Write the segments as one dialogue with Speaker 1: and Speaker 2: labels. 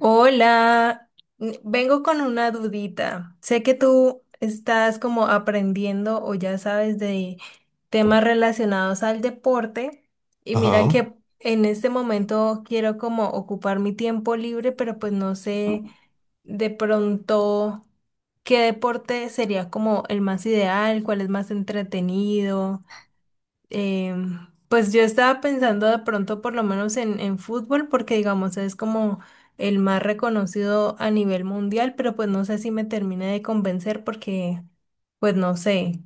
Speaker 1: Hola, vengo con una dudita. Sé que tú estás como aprendiendo o ya sabes de temas relacionados al deporte y mira
Speaker 2: Ajá.
Speaker 1: que en este momento quiero como ocupar mi tiempo libre, pero pues no sé de pronto qué deporte sería como el más ideal, cuál es más entretenido. Pues yo estaba pensando de pronto por lo menos en fútbol, porque digamos es como el más reconocido a nivel mundial, pero pues no sé si me termine de convencer porque pues no sé.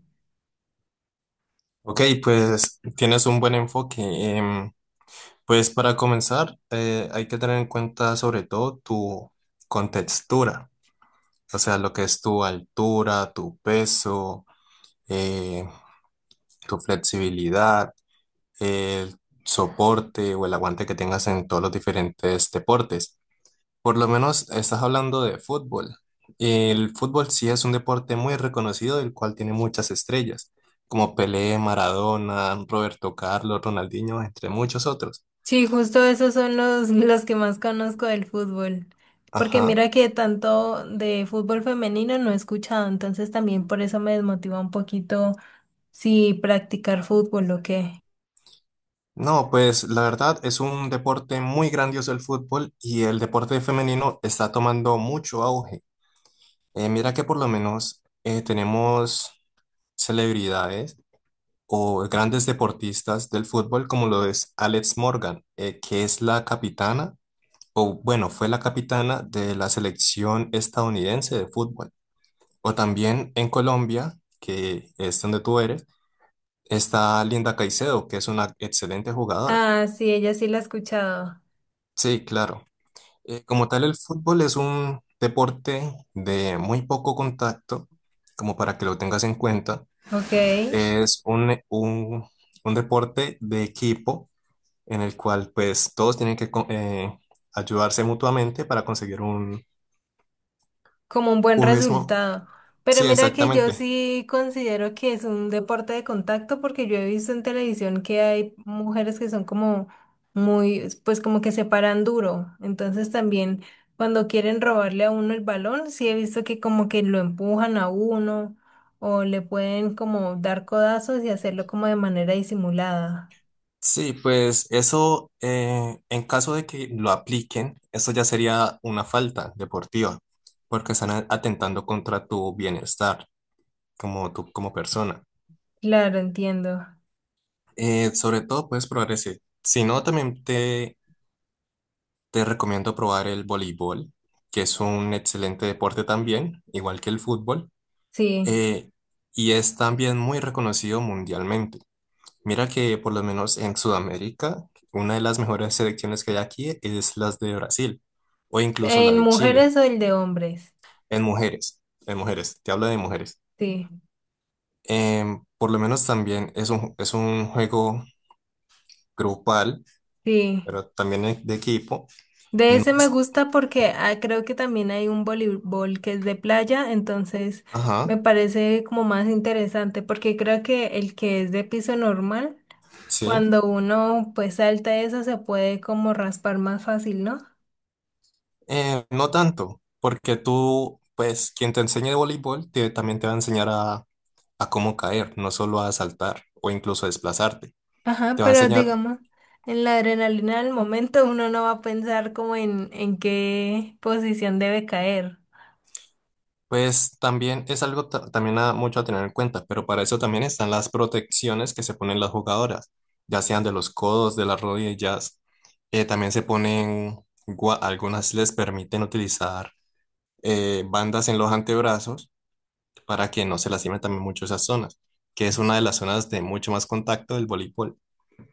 Speaker 2: Ok, pues tienes un buen enfoque. Pues para comenzar, hay que tener en cuenta sobre todo tu contextura, o sea, lo que es tu altura, tu peso, eh, tu flexibilidad, el soporte o el aguante que tengas en todos los diferentes deportes. Por lo menos estás hablando de fútbol. El fútbol sí es un deporte muy reconocido, el cual tiene muchas estrellas, como Pelé, Maradona, Roberto Carlos, Ronaldinho, entre muchos otros.
Speaker 1: Sí, justo esos son los que más conozco del fútbol. Porque mira
Speaker 2: Ajá.
Speaker 1: que tanto de fútbol femenino no he escuchado, entonces también por eso me desmotiva un poquito si practicar fútbol o qué.
Speaker 2: No, pues la verdad es un deporte muy grandioso el fútbol y el deporte femenino está tomando mucho auge. Mira que por lo menos tenemos celebridades o grandes deportistas del fútbol, como lo es Alex Morgan, que es la capitana o bueno, fue la capitana de la selección estadounidense de fútbol. O también en Colombia, que es donde tú eres, está Linda Caicedo, que es una excelente jugadora.
Speaker 1: Ah, sí, ella sí la ha escuchado.
Speaker 2: Sí, claro. Como tal, el fútbol es un deporte de muy poco contacto, como para que lo tengas en cuenta.
Speaker 1: Ok.
Speaker 2: Es un deporte de equipo en el cual pues todos tienen que ayudarse mutuamente para conseguir
Speaker 1: Como un buen
Speaker 2: un mismo.
Speaker 1: resultado. Pero
Speaker 2: Sí,
Speaker 1: mira que yo
Speaker 2: exactamente.
Speaker 1: sí considero que es un deporte de contacto porque yo he visto en televisión que hay mujeres que son como muy, pues como que se paran duro. Entonces también cuando quieren robarle a uno el balón, sí he visto que como que lo empujan a uno o le pueden como dar codazos y hacerlo como de manera disimulada.
Speaker 2: Sí, pues eso, en caso de que lo apliquen, eso ya sería una falta deportiva, porque están atentando contra tu bienestar como tú, como persona.
Speaker 1: Claro, entiendo.
Speaker 2: Sobre todo puedes probar ese. Si no, también te recomiendo probar el voleibol, que es un excelente deporte también, igual que el fútbol,
Speaker 1: Sí.
Speaker 2: eh, y es también muy reconocido mundialmente. Mira que por lo menos en Sudamérica, una de las mejores selecciones que hay aquí es las de Brasil o incluso la
Speaker 1: ¿En
Speaker 2: de Chile,
Speaker 1: mujeres o el de hombres?
Speaker 2: en mujeres, en mujeres, te hablo de mujeres.
Speaker 1: Sí,
Speaker 2: Por lo menos también es un juego grupal,
Speaker 1: sí.
Speaker 2: pero también de equipo.
Speaker 1: De
Speaker 2: No
Speaker 1: ese me
Speaker 2: es,
Speaker 1: gusta porque ah, creo que también hay un voleibol que es de playa, entonces me
Speaker 2: ajá,
Speaker 1: parece como más interesante porque creo que el que es de piso normal,
Speaker 2: sí.
Speaker 1: cuando uno pues salta eso se puede como raspar más fácil, ¿no?
Speaker 2: No tanto, porque tú, pues quien te enseñe de voleibol también te va a enseñar a cómo caer, no solo a saltar o incluso a desplazarte.
Speaker 1: Ajá,
Speaker 2: Te va a
Speaker 1: pero
Speaker 2: enseñar.
Speaker 1: digamos, en la adrenalina del momento uno no va a pensar como en qué posición debe caer.
Speaker 2: Pues también es algo también mucho a tener en cuenta, pero para eso también están las protecciones que se ponen las jugadoras, ya sean de los codos, de las rodillas. También se ponen, algunas les permiten utilizar bandas en los antebrazos para que no se lastimen también mucho esas zonas, que es una de las zonas de mucho más contacto del voleibol.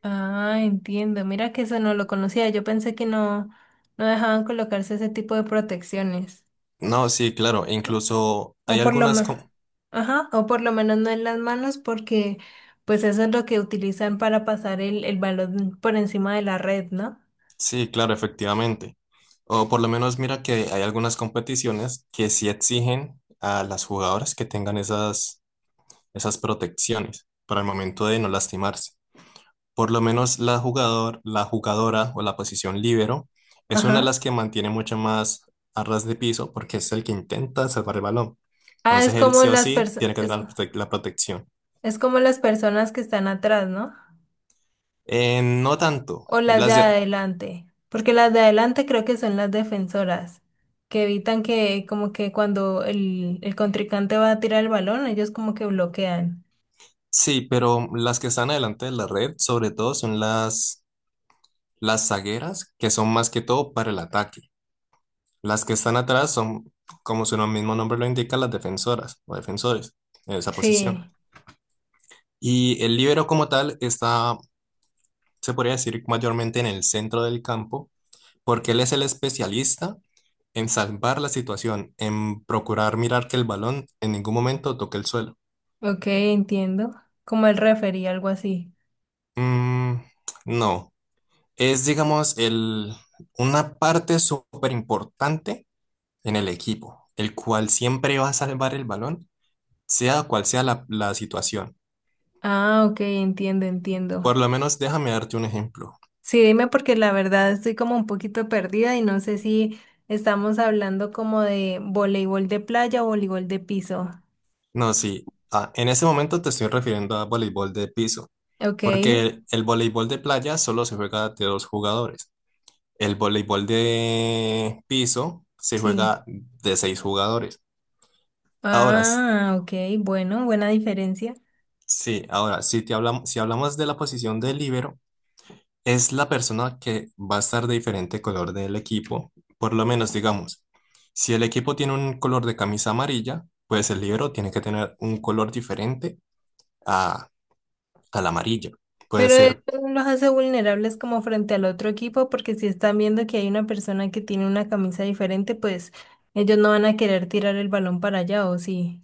Speaker 1: Ah, entiendo, mira que eso no lo conocía, yo pensé que no, no dejaban colocarse ese tipo de protecciones.
Speaker 2: No, sí, claro, e incluso hay
Speaker 1: O por lo
Speaker 2: algunas,
Speaker 1: menos.
Speaker 2: com-
Speaker 1: Ajá, o por lo menos no en las manos porque pues eso es lo que utilizan para pasar el balón por encima de la red, ¿no?
Speaker 2: Sí, claro, efectivamente. O por lo menos mira que hay algunas competiciones que sí exigen a las jugadoras que tengan esas protecciones para el momento de no lastimarse. Por lo menos la jugador, la jugadora o la posición líbero es una de
Speaker 1: Ajá.
Speaker 2: las que mantiene mucho más a ras de piso porque es el que intenta salvar el balón.
Speaker 1: Ah, es
Speaker 2: Entonces él
Speaker 1: como
Speaker 2: sí o
Speaker 1: las
Speaker 2: sí
Speaker 1: personas,
Speaker 2: tiene que tener la protección.
Speaker 1: es como las personas que están atrás, ¿no?
Speaker 2: No tanto.
Speaker 1: O las de
Speaker 2: Las de-
Speaker 1: adelante, porque las de adelante creo que son las defensoras, que evitan que como que cuando el contrincante va a tirar el balón, ellos como que bloquean.
Speaker 2: sí, pero las que están adelante de la red sobre todo son las. Las zagueras, que son más que todo para el ataque. Las que están atrás son, como su mismo nombre lo indica, las defensoras o defensores en esa
Speaker 1: Sí,
Speaker 2: posición. Y el líbero como tal está, se podría decir, mayormente en el centro del campo, porque él es el especialista en salvar la situación, en procurar mirar que el balón en ningún momento toque el suelo.
Speaker 1: ok, entiendo. Como el referee, algo así.
Speaker 2: Mm, no, es, digamos, el, una parte súper importante en el equipo, el cual siempre va a salvar el balón, sea cual sea la situación.
Speaker 1: Ah, ok, entiendo, entiendo.
Speaker 2: Por lo menos déjame darte un ejemplo.
Speaker 1: Sí, dime porque la verdad estoy como un poquito perdida y no sé si estamos hablando como de voleibol de playa o voleibol de piso.
Speaker 2: No, sí, ah, en ese momento te estoy refiriendo a voleibol de piso,
Speaker 1: Ok,
Speaker 2: porque el voleibol de playa solo se juega de dos jugadores. El voleibol de piso se
Speaker 1: sí.
Speaker 2: juega de seis jugadores. Ahora, s-
Speaker 1: Ah, ok, bueno, buena diferencia.
Speaker 2: sí, ahora, si te hablamos, si hablamos de la posición de líbero, es la persona que va a estar de diferente color del equipo. Por lo menos, digamos, si el equipo tiene un color de camisa amarilla, pues el libro tiene que tener un color diferente a, al amarillo. Puede
Speaker 1: Pero eso
Speaker 2: ser,
Speaker 1: no los hace vulnerables como frente al otro equipo porque si están viendo que hay una persona que tiene una camisa diferente, pues ellos no van a querer tirar el balón para allá, ¿o sí?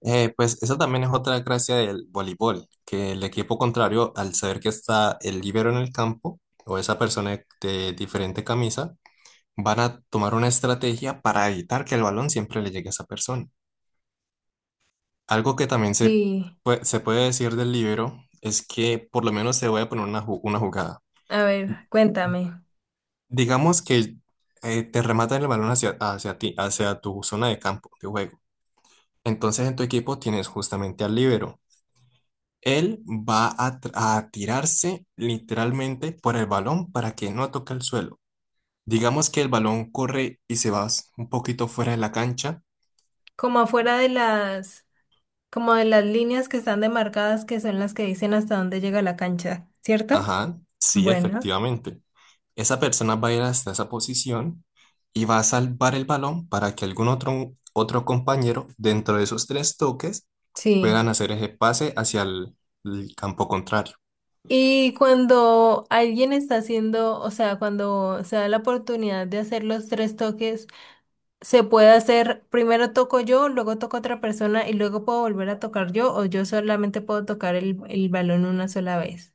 Speaker 2: pues esa también es otra gracia del voleibol, que el equipo contrario, al saber que está el libero en el campo o esa persona de diferente camisa, van a tomar una estrategia para evitar que el balón siempre le llegue a esa persona. Algo que también
Speaker 1: Sí.
Speaker 2: se puede decir del libro es que por lo menos se voy a poner una jugada.
Speaker 1: A ver, cuéntame.
Speaker 2: Digamos que te rematan el balón hacia ti, hacia tu zona de campo de juego. Entonces en tu equipo tienes justamente al líbero. Él va a tirarse literalmente por el balón para que no toque el suelo. Digamos que el balón corre y se va un poquito fuera de la cancha.
Speaker 1: Como afuera de las... Como de las líneas que están demarcadas, que son las que dicen hasta dónde llega la cancha, ¿cierto?
Speaker 2: Ajá, sí,
Speaker 1: Bueno,
Speaker 2: efectivamente. Esa persona va a ir hasta esa posición y va a salvar el balón para que algún otro compañero dentro de esos tres toques
Speaker 1: sí.
Speaker 2: puedan hacer ese pase hacia el campo contrario.
Speaker 1: Y cuando alguien está haciendo, o sea, cuando se da la oportunidad de hacer los tres toques, se puede hacer, primero toco yo, luego toco otra persona y luego puedo volver a tocar yo o yo solamente puedo tocar el balón una sola vez.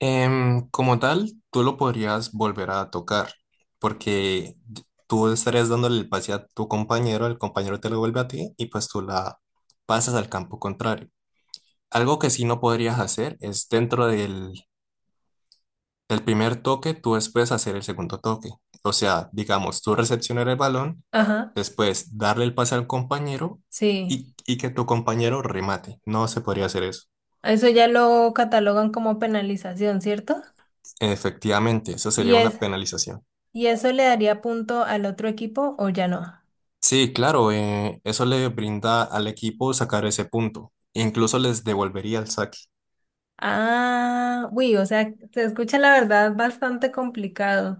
Speaker 2: Como tal, tú lo podrías volver a tocar porque tú estarías dándole el pase a tu compañero, el compañero te lo vuelve a ti y pues tú la pasas al campo contrario. Algo que sí no podrías hacer es dentro del, el primer toque, tú después hacer el segundo toque. O sea, digamos, tú recepcionar el balón,
Speaker 1: Ajá,
Speaker 2: después darle el pase al compañero
Speaker 1: sí.
Speaker 2: y que tu compañero remate. No se podría hacer eso.
Speaker 1: Eso ya lo catalogan como penalización, ¿cierto?
Speaker 2: Efectivamente, eso
Speaker 1: Y
Speaker 2: sería una
Speaker 1: es,
Speaker 2: penalización.
Speaker 1: ¿Y eso le daría punto al otro equipo o ya no?
Speaker 2: Sí, claro, eso le brinda al equipo sacar ese punto. Incluso les devolvería el saque.
Speaker 1: Ah, uy, o sea, se escucha la verdad bastante complicado.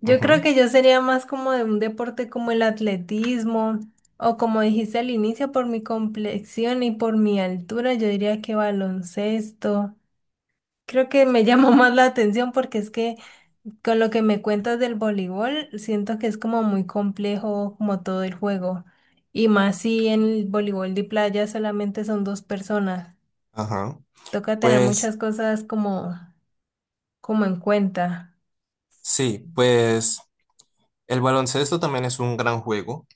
Speaker 1: Yo creo
Speaker 2: Ujú,
Speaker 1: que yo sería más como de un deporte como el atletismo o como dijiste al inicio, por mi complexión y por mi altura, yo diría que baloncesto. Creo que me llamó más la atención porque es que con lo que me cuentas del voleibol, siento que es como muy complejo como todo el juego. Y más si en el voleibol de playa solamente son dos personas.
Speaker 2: ajá.
Speaker 1: Toca tener muchas
Speaker 2: Pues
Speaker 1: cosas como en cuenta.
Speaker 2: sí, pues el baloncesto también es un gran juego.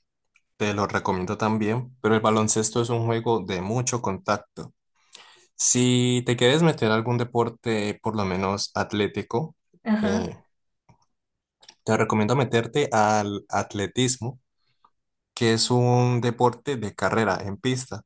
Speaker 2: Te lo recomiendo también, pero el baloncesto es un juego de mucho contacto. Si te quieres meter a algún deporte, por lo menos atlético, eh,
Speaker 1: Ajá.
Speaker 2: te recomiendo meterte al atletismo, que es un deporte de carrera en pista.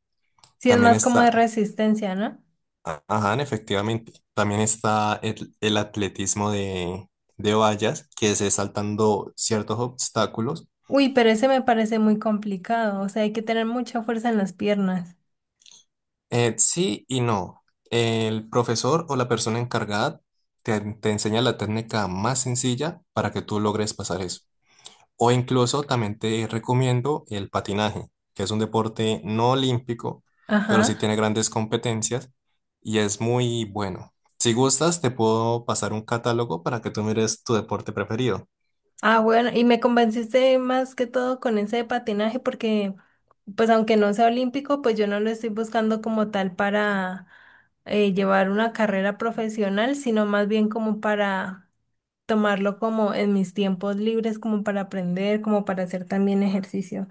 Speaker 1: Sí, es
Speaker 2: También
Speaker 1: más como de
Speaker 2: está,
Speaker 1: resistencia, ¿no?
Speaker 2: a- ajá, efectivamente, también está el atletismo de vallas, que es saltando ciertos obstáculos.
Speaker 1: Uy, pero ese me parece muy complicado. O sea, hay que tener mucha fuerza en las piernas.
Speaker 2: Sí y no. El profesor o la persona encargada te enseña la técnica más sencilla para que tú logres pasar eso. O incluso también te recomiendo el patinaje, que es un deporte no olímpico, pero sí
Speaker 1: Ajá.
Speaker 2: tiene grandes competencias y es muy bueno. Si gustas, te puedo pasar un catálogo para que tú mires tu deporte preferido.
Speaker 1: Ah, bueno, y me convenciste más que todo con ese de patinaje porque, pues aunque no sea olímpico, pues yo no lo estoy buscando como tal para llevar una carrera profesional, sino más bien como para tomarlo como en mis tiempos libres, como para aprender, como para hacer también ejercicio.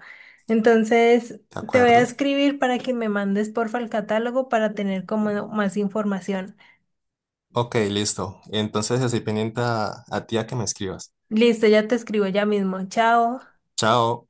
Speaker 1: Entonces,
Speaker 2: ¿De
Speaker 1: te voy a
Speaker 2: acuerdo?
Speaker 1: escribir para que me mandes porfa el catálogo para tener como más información.
Speaker 2: Ok, listo. Entonces estoy pendiente a ti a que me escribas.
Speaker 1: Listo, ya te escribo ya mismo. Chao.
Speaker 2: Chao.